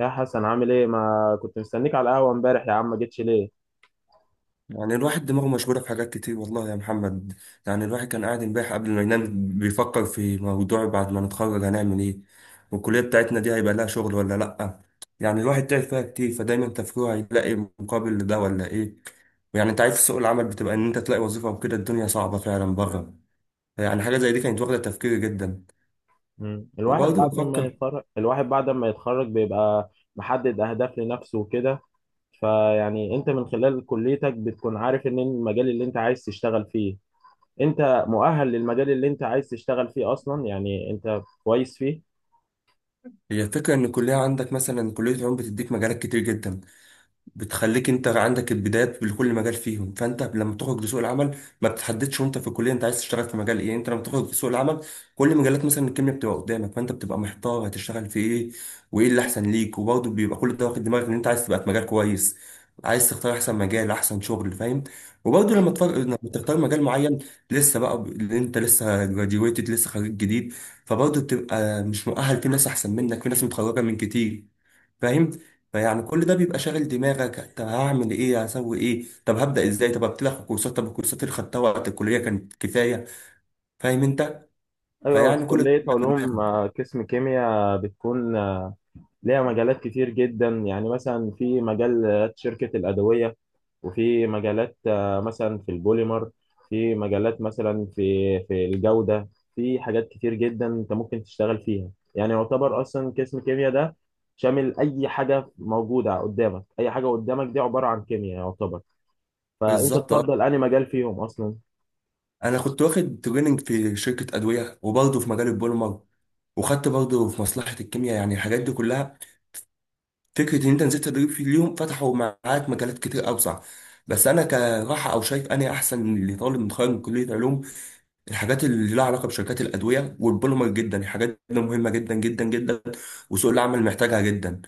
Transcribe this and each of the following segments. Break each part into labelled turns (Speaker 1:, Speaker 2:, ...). Speaker 1: يا حسن، عامل ايه؟ ما كنت مستنيك على القهوه امبارح يا عم، ما جيتش ليه؟
Speaker 2: يعني الواحد دماغه مشغولة في حاجات كتير والله يا محمد. يعني الواحد كان قاعد امبارح قبل ما ينام بيفكر في موضوع، بعد ما نتخرج هنعمل ايه؟ والكلية بتاعتنا دي هيبقى لها شغل ولا لأ؟ يعني الواحد تعب فيها كتير، فدايما تفكيره هيلاقي مقابل لده ولا ايه؟ ويعني انت عارف سوق العمل، بتبقى ان انت تلاقي وظيفة وكده، الدنيا صعبة فعلا بره. يعني حاجة زي دي كانت واخدة تفكيري جدا.
Speaker 1: مم. الواحد
Speaker 2: وبرضه
Speaker 1: بعد ما
Speaker 2: بفكر.
Speaker 1: يتخرج الواحد بعد ما يتخرج بيبقى محدد اهداف لنفسه وكده. فيعني انت من خلال كليتك بتكون عارف ان المجال اللي انت عايز تشتغل فيه، انت مؤهل للمجال اللي انت عايز تشتغل فيه اصلا، يعني انت كويس فيه.
Speaker 2: هي الفكرة ان الكلية عندك، مثلا كلية العلوم بتديك مجالات كتير جدا، بتخليك انت عندك البدايات لكل مجال فيهم، فانت لما تخرج لسوق العمل ما بتحددش وانت في الكليه انت عايز تشتغل في مجال ايه. انت لما تخرج لسوق العمل كل مجالات مثلا الكيمياء بتبقى قدامك، فانت بتبقى محتار هتشتغل في ايه وايه اللي احسن ليك. وبرضه بيبقى كل ده واخد دماغك ان انت عايز تبقى في مجال كويس، عايز تختار احسن مجال احسن شغل، فاهم؟ وبرضه لما لما تختار مجال معين، لسه بقى اللي انت لسه جراجويتد، لسه خريج جديد، فبرضه بتبقى مش مؤهل، في ناس احسن منك، في ناس متخرجه من كتير، فاهم؟ فيعني كل ده بيبقى شاغل دماغك، طب هعمل ايه، هسوي ايه، طب هبدا ازاي، طب ابتدي اخد كورسات، طب الكورسات اللي خدتها وقت الكليه كانت كفايه، فاهم انت؟
Speaker 1: ايوه، في
Speaker 2: فيعني كل ده
Speaker 1: كليه
Speaker 2: بيبقى في
Speaker 1: علوم
Speaker 2: دماغك.
Speaker 1: قسم كيمياء بتكون ليها مجالات كتير جدا، يعني مثلا في مجال شركه الادويه، وفي مجالات مثلا في البوليمر، في مجالات مثلا في الجودة، في حاجات كتير جدا انت ممكن تشتغل فيها، يعني يعتبر اصلا قسم كيمياء ده شامل اي حاجة موجودة قدامك، اي حاجة قدامك دي عبارة عن كيمياء يعتبر، فانت
Speaker 2: بالظبط، اه.
Speaker 1: تفضل انهي مجال فيهم اصلا.
Speaker 2: انا كنت واخد تريننج في شركه ادويه، وبرضه في مجال البوليمر، وخدت برضه في مصلحه الكيمياء، يعني الحاجات دي كلها. فكره ان انت نزلت تدريب في اليوم فتحوا معاك مجالات كتير اوسع. بس انا كراحه او شايف انا احسن لطالب متخرج من كليه علوم، الحاجات اللي لها علاقه بشركات الادويه والبوليمر جدا، الحاجات دي مهمه جدا جدا جدا، وسوق العمل محتاجها جدا.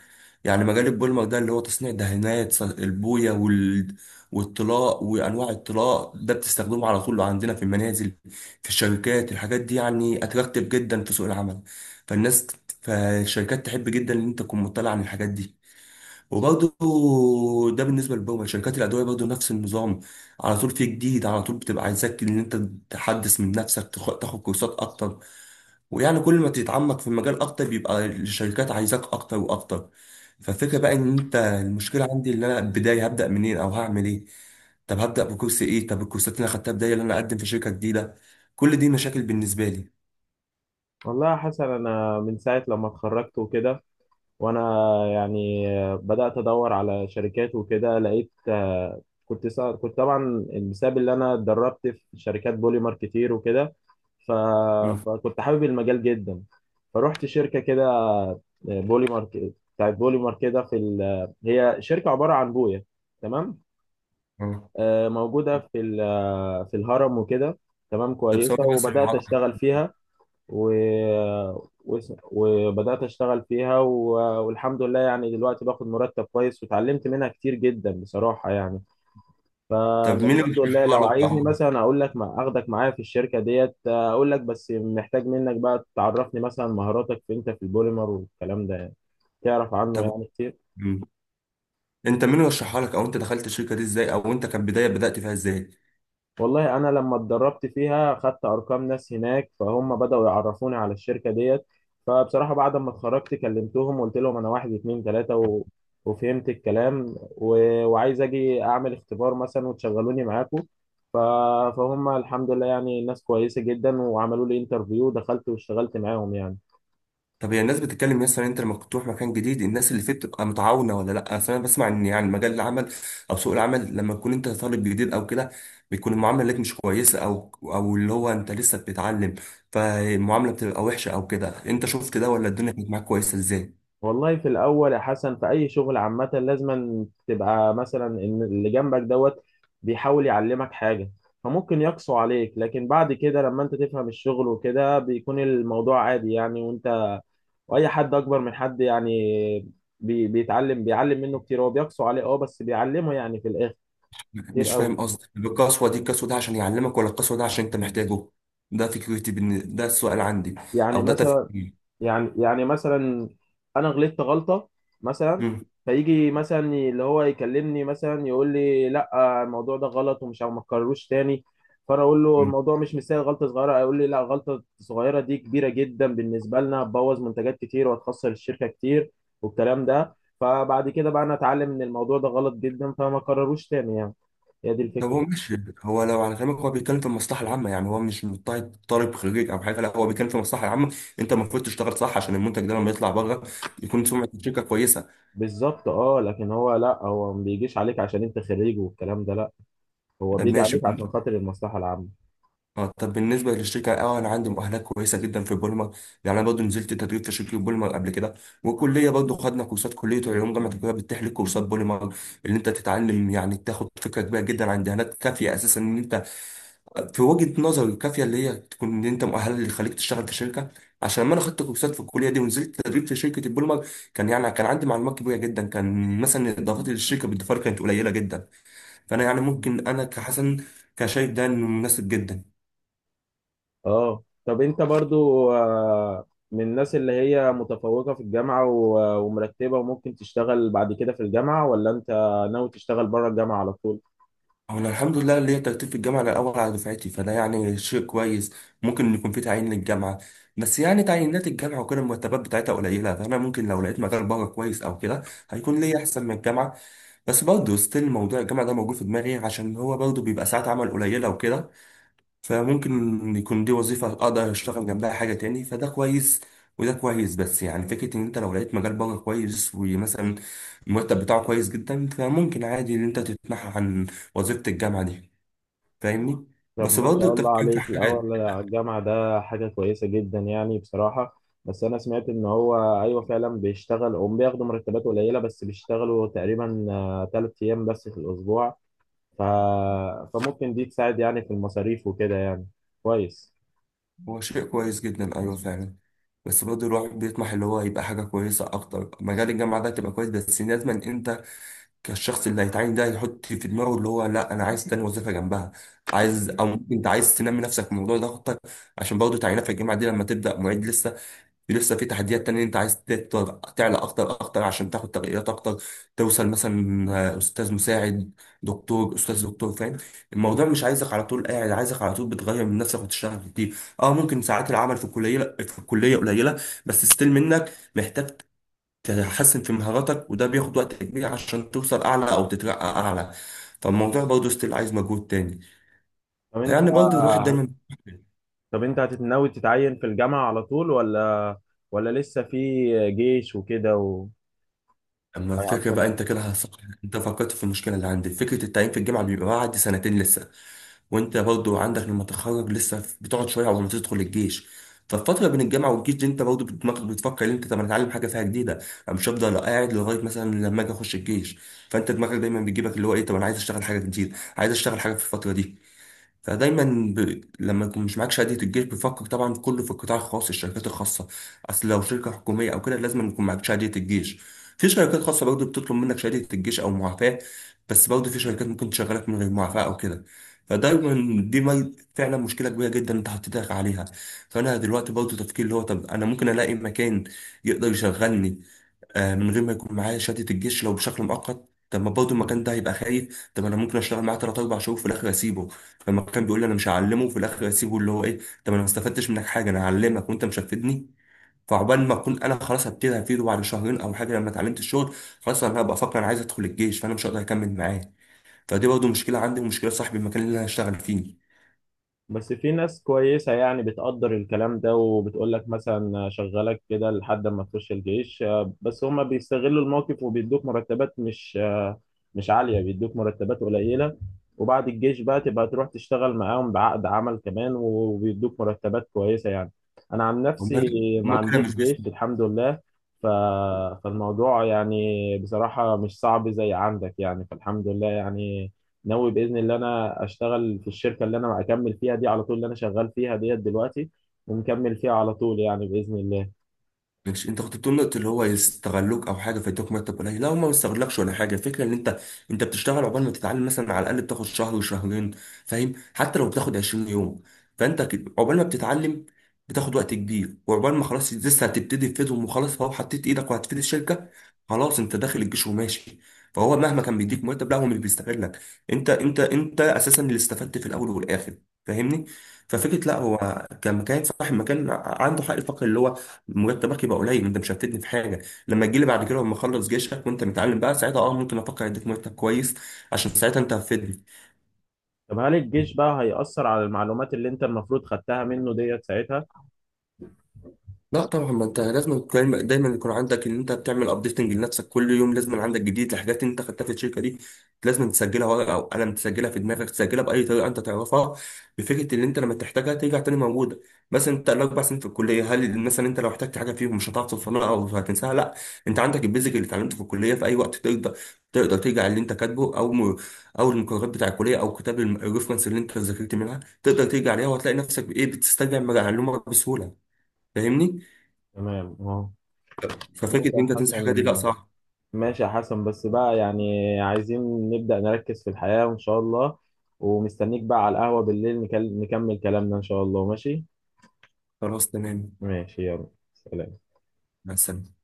Speaker 2: يعني مجال البوليمر ده اللي هو تصنيع دهانات، البويه والطلاء وانواع الطلاء، ده بتستخدمه على طول عندنا في المنازل، في الشركات، الحاجات دي يعني اتراكتيف جدا في سوق العمل. فالناس، فالشركات تحب جدا ان انت تكون مطلع عن الحاجات دي. وبرضه ده بالنسبه للبرمجه. شركات الادويه برضه نفس النظام، على طول في جديد، على طول بتبقى عايزاك ان انت تحدث من نفسك، تاخد كورسات اكتر. ويعني كل ما تتعمق في المجال اكتر بيبقى الشركات عايزاك اكتر واكتر. فالفكره بقى ان انت، المشكله عندي ان انا البدايه هبدا منين او هعمل ايه، طب هبدا بكورس ايه، طب الكورسات اللي انا خدتها بدايه اللي انا اقدم في شركه جديده، كل دي مشاكل بالنسبه لي.
Speaker 1: والله يا حسن، انا من ساعة لما اتخرجت وكده وانا يعني بدات ادور على شركات وكده، لقيت كنت طبعا بسبب اللي انا اتدربت في شركات بوليمر كتير وكده. ف...
Speaker 2: مم.
Speaker 1: فكنت حابب المجال جدا، فروحت شركه كده بوليمر بتاعت بوليمر كده هي شركه عباره عن بويه تمام،
Speaker 2: آه.
Speaker 1: موجوده في الهرم وكده. تمام
Speaker 2: طب
Speaker 1: كويسه،
Speaker 2: ثواني بس
Speaker 1: وبدات
Speaker 2: المعطل.
Speaker 1: اشتغل فيها و... و... وبدأت أشتغل فيها والحمد لله يعني دلوقتي باخد مرتب كويس، وتعلمت منها كتير جدا بصراحة يعني.
Speaker 2: طب مين اللي
Speaker 1: فالحمد لله،
Speaker 2: بيشرحها
Speaker 1: لو
Speaker 2: لك يا
Speaker 1: عايزني
Speaker 2: عمر؟
Speaker 1: مثلا أقول لك ما أخدك معايا في الشركة ديت، أقول لك بس محتاج منك بقى تعرفني مثلا مهاراتك في أنت في البوليمر والكلام ده، يعني تعرف عنه
Speaker 2: طب.
Speaker 1: يعني كتير.
Speaker 2: مم. انت مين رشحها لك، او انت دخلت الشركه دي ازاي، او انت كبدايه بدات فيها ازاي؟
Speaker 1: والله انا لما اتدربت فيها خدت ارقام ناس هناك، فهم بداوا يعرفوني على الشركه ديت. فبصراحه بعد ما اتخرجت كلمتهم وقلت لهم انا واحد اتنين تلاته وفهمت الكلام وعايز اجي اعمل اختبار مثلا وتشغلوني معاكم. ف... فهم الحمد لله يعني ناس كويسه جدا، وعملوا لي انترفيو، دخلت واشتغلت معاهم يعني.
Speaker 2: طب هي الناس بتتكلم، مثلا انت لما بتروح مكان جديد الناس اللي فيه بتبقى متعاونه ولا لا؟ اصل انا بسمع ان يعني مجال العمل او سوق العمل لما تكون انت طالب جديد او كده بيكون المعامله ليك مش كويسه، او او اللي هو انت لسه بتتعلم فالمعامله بتبقى وحشه او كده. انت شفت ده ولا الدنيا كانت معاك كويسه ازاي؟
Speaker 1: والله في الاول يا حسن، في اي شغل عامه لازم تبقى مثلا ان اللي جنبك دوت بيحاول يعلمك حاجه، فممكن يقسو عليك، لكن بعد كده لما انت تفهم الشغل وكده بيكون الموضوع عادي يعني. واي حد اكبر من حد يعني بيتعلم بيعلم منه كتير، هو بيقسو عليه اه بس بيعلمه يعني في الاخر كتير
Speaker 2: مش فاهم
Speaker 1: قوي.
Speaker 2: قصدك القسوه دي، القسوه ده عشان يعلمك ولا القسوه ده عشان انت محتاجه؟ ده ده السؤال عندي،
Speaker 1: يعني
Speaker 2: او ده
Speaker 1: مثلا
Speaker 2: تفكيري.
Speaker 1: يعني مثلا انا غلطت غلطه مثلا،
Speaker 2: مم.
Speaker 1: فيجي مثلا اللي هو يكلمني مثلا يقول لي لا الموضوع ده غلط ومش ما تكرروش تاني. فانا اقول له الموضوع مش مستاهل غلطه صغيره، يقول لي لا، غلطه صغيره دي كبيره جدا بالنسبه لنا، هتبوظ منتجات كتير وهتخسر الشركه كتير والكلام ده. فبعد كده بقى انا اتعلم ان الموضوع ده غلط جدا فما كرروش تاني يعني، هي دي
Speaker 2: طب
Speaker 1: الفكره.
Speaker 2: هو ماشي. هو لو على كلامك هو بيتكلم في المصلحه العامه، يعني هو مش مضطهد طالب خريج او حاجه، لا هو بيتكلم في المصلحه العامه، انت المفروض تشتغل صح عشان المنتج ده لما يطلع بره يكون سمعه الشركه كويسه. طب
Speaker 1: بالظبط اه، لكن هو لا هو ما بيجيش عليك عشان انت خريج والكلام ده، لا هو
Speaker 2: بالظبط
Speaker 1: بيجي
Speaker 2: ماشي.
Speaker 1: عليك عشان خاطر المصلحه العامه.
Speaker 2: اه طب بالنسبه للشركه، اه انا عندي مؤهلات كويسه جدا في بولمر، يعني انا برضه نزلت تدريب في شركه بولمر قبل كده، والكليه برضه خدنا كورسات، كليه علوم جامعه القاهره بتتيح لك كورسات بولمر، اللي انت تتعلم يعني تاخد فكره كبيره جدا عن دهانات، كافيه اساسا ان انت، في وجهة نظري، الكافية اللي هي تكون ان انت مؤهل اللي يخليك تشتغل في شركة. عشان لما انا خدت كورسات في الكلية دي ونزلت تدريب في شركة البولمر كان يعني كان عندي معلومات كبيرة جدا، كان مثلا اضافاتي للشركة بالدفار كانت قليلة جدا. فانا يعني ممكن انا كحسن كشايف ده انه مناسب جدا.
Speaker 1: اه طب، انت برضو من الناس اللي هي متفوقة في الجامعة ومرتبة وممكن تشتغل بعد كده في الجامعة، ولا انت ناوي تشتغل بره الجامعة على طول؟
Speaker 2: انا الحمد لله ليا ترتيب في الجامعة، الاول على دفعتي، فده يعني شيء كويس، ممكن يكون في تعيين للجامعة. بس يعني تعيينات الجامعة وكده المرتبات بتاعتها قليلة، فانا ممكن لو لقيت مجال بره كويس او كده هيكون ليا احسن من الجامعة. بس برضه ستيل موضوع الجامعة ده موجود في دماغي، عشان هو برضه بيبقى ساعات عمل قليلة وكده، فممكن يكون دي وظيفة أقدر أشتغل جنبها حاجة تاني فده كويس. وده كويس، بس يعني فكرة إن أنت لو لقيت مجال بره كويس، ومثلا المرتب بتاعه كويس جدا، فممكن عادي إن أنت تتنحى عن وظيفة الجامعة دي، فاهمني؟
Speaker 1: طب
Speaker 2: بس
Speaker 1: ما
Speaker 2: برضه
Speaker 1: شاء الله
Speaker 2: التفكير في
Speaker 1: عليك،
Speaker 2: حاجة.
Speaker 1: الاول على الجامعة ده حاجة كويسة جدا يعني بصراحة. بس انا سمعت ان هو ايوه فعلا بيشتغل، هم بياخدوا مرتبات قليلة بس بيشتغلوا تقريبا 3 ايام بس في الاسبوع. ف... فممكن دي تساعد يعني في المصاريف وكده يعني كويس.
Speaker 2: هو شيء كويس جدا أيوه فعلا، بس برضه الواحد بيطمح اللي هو يبقى حاجة كويسة أكتر. مجال الجامعة ده تبقى كويس، بس لازم أنت الشخص اللي هيتعين ده يحط في دماغه اللي هو لا انا عايز تاني وظيفه جنبها، عايز او ممكن انت عايز تنمي نفسك في الموضوع ده خطك. عشان برضه تعيينات في الجامعه دي لما تبدا معيد لسه، في لسه في تحديات تانية، انت عايز تعلى اكتر اكتر عشان تاخد ترقيات اكتر، توصل مثلا، استاذ مساعد، دكتور، استاذ دكتور، فاهم؟ الموضوع مش عايزك على طول قاعد، عايزك على طول بتغير من نفسك وتشتغل كتير. اه ممكن ساعات العمل في الكليه، في الكليه قليله، بس ستيل منك محتاج تحسن في مهاراتك، وده بياخد وقت كبير عشان توصل اعلى او تترقى اعلى. فالموضوع برضه ستيل عايز مجهود تاني.
Speaker 1: طب انت
Speaker 2: يعني برضه الواحد دايما.
Speaker 1: طب انت هتتناوي تتعين في الجامعة على طول، ولا لسه في جيش وكده
Speaker 2: اما الفكره
Speaker 1: وهيعطل؟
Speaker 2: بقى انت كده هصح. انت فكرت في المشكله اللي عندي؟ فكره التعيين في الجامعه بيبقى بعد سنتين لسه، وانت برضه عندك لما تتخرج لسه بتقعد شويه قبل ما تدخل الجيش. فالفتره بين الجامعه والجيش دي انت برضه دماغك بتفكر ان انت، طب أنا اتعلم حاجه فيها جديده، انا مش هفضل قاعد لغايه مثلا لما اجي اخش الجيش. فانت دماغك دايما بيجيبك اللي هو ايه، طب انا عايز اشتغل حاجه جديده، عايز اشتغل حاجه في الفتره دي. فدايما لما يكون مش معاك شهاده الجيش بيفكر طبعا كله في القطاع الخاص، الشركات الخاصه. اصل لو شركه حكوميه او كده لازم يكون معاك شهاده الجيش. في شركات خاصه برضه بتطلب منك شهاده الجيش او معافاه، بس برضه في شركات ممكن تشغلك من غير معافاه او كده. فدايما دي فعلا مشكله كبيره جدا انت حطيتك عليها. فانا دلوقتي برضه تفكير اللي هو، طب انا ممكن الاقي مكان يقدر يشغلني من غير ما يكون معايا شهاده الجيش لو بشكل مؤقت. طب ما برضه المكان ده هيبقى خايف، طب انا ممكن اشتغل معاه ثلاث اربع شهور في الاخر اسيبه. فلما كان بيقول لي انا مش هعلمه في الاخر اسيبه، اللي هو ايه، طب انا ما استفدتش منك حاجه، انا هعلمك وانت مش هتفيدني. فعقبال ما اكون انا خلاص هبتدي هفيده بعد شهرين او حاجه لما اتعلمت الشغل، خلاص انا هبقى افكر انا عايز ادخل الجيش، فانا مش هقدر اكمل معاه. فدي برضه مشكله عندي ومشكله صاحب المكان اللي انا هشتغل فيه.
Speaker 1: بس في ناس كويسة يعني بتقدر الكلام ده، وبتقول لك مثلا شغلك كده لحد ما تخش الجيش بس هما بيستغلوا الموقف وبيدوك مرتبات مش عالية، بيدوك مرتبات قليلة، وبعد الجيش بقى تبقى تروح تشتغل معاهم بعقد عمل كمان وبيدوك مرتبات كويسة يعني. أنا عن نفسي
Speaker 2: امال،
Speaker 1: ما
Speaker 2: هما كده
Speaker 1: عنديش
Speaker 2: مش
Speaker 1: جيش
Speaker 2: بيستفيدوا.
Speaker 1: الحمد لله. ف... فالموضوع يعني بصراحة مش صعب زي عندك يعني، فالحمد لله يعني ناوي باذن الله انا اشتغل في الشركه اللي انا اكمل فيها دي على طول، اللي انا شغال فيها ديت دلوقتي ومكمل فيها على طول يعني باذن الله.
Speaker 2: مش انت كنت بتقول نقطة اللي هو يستغلوك او حاجة فيدوك مرتب قليل، لا هما ما يستغلكش ولا حاجة، الفكرة ان انت، انت بتشتغل عقبال ما تتعلم مثلا على الاقل بتاخد شهر وشهرين، فاهم؟ حتى لو بتاخد 20 يوم، فانت عقبال ما بتتعلم بتاخد وقت كبير، وعقبال ما خلاص لسه هتبتدي تفيدهم وخلاص، فهو حطيت ايدك وهتفيد الشركة، خلاص انت داخل الجيش وماشي. فهو مهما كان بيديك مرتب، لا هو مش بيستغلك، انت اساسا اللي استفدت في الاول والاخر، فاهمني؟ ففكرة لا هو كمكان، صاحب مكان عنده حق الفقر اللي هو مرتبك يبقى قليل، انت مش هتفيدني في حاجه، لما تجيلي بعد كده لما اخلص جيشك وانت متعلم بقى ساعتها، اه ممكن افكر اديك مرتب كويس عشان ساعتها انت هتفيدني.
Speaker 1: طب هل الجيش بقى هيأثر على المعلومات اللي انت المفروض خدتها منه ديت ساعتها؟
Speaker 2: لا طبعا، ما انت لازم دايما دايما يكون عندك ان انت بتعمل ابديتنج لنفسك، كل يوم لازم عندك جديد لحاجات انت خدتها في الشركه دي، لازم تسجلها ورقه او قلم، تسجلها في دماغك، تسجلها باي طريقه انت تعرفها، بفكره ان انت لما تحتاجها ترجع تاني موجوده. مثلا انت الاربع سنين في الكليه هل مثلا انت لو احتجت حاجه فيهم مش هتعرف تفهمها او هتنساها؟ لا، انت عندك البيزك اللي اتعلمته في الكليه، في اي وقت تقدر ترجع اللي انت كاتبه، او المقررات بتاع الكليه، او كتاب الريفرنس اللي انت ذاكرت منها، تقدر ترجع عليها وهتلاقي نفسك بايه بتسترجع المعلومه بسهوله، فاهمني؟
Speaker 1: تمام اه.
Speaker 2: ففكرة
Speaker 1: ماشي
Speaker 2: إن
Speaker 1: يا
Speaker 2: أنت تنسى الحاجات دي
Speaker 1: حسن
Speaker 2: لأ صعب.
Speaker 1: ماشي يا حسن. بس بقى يعني عايزين نبدأ نركز في الحياة وان شاء الله، ومستنيك بقى على القهوة بالليل نكمل كلامنا ان شاء الله. ماشي
Speaker 2: خلاص تمام.
Speaker 1: ماشي يلا، سلام.
Speaker 2: مع السلامة.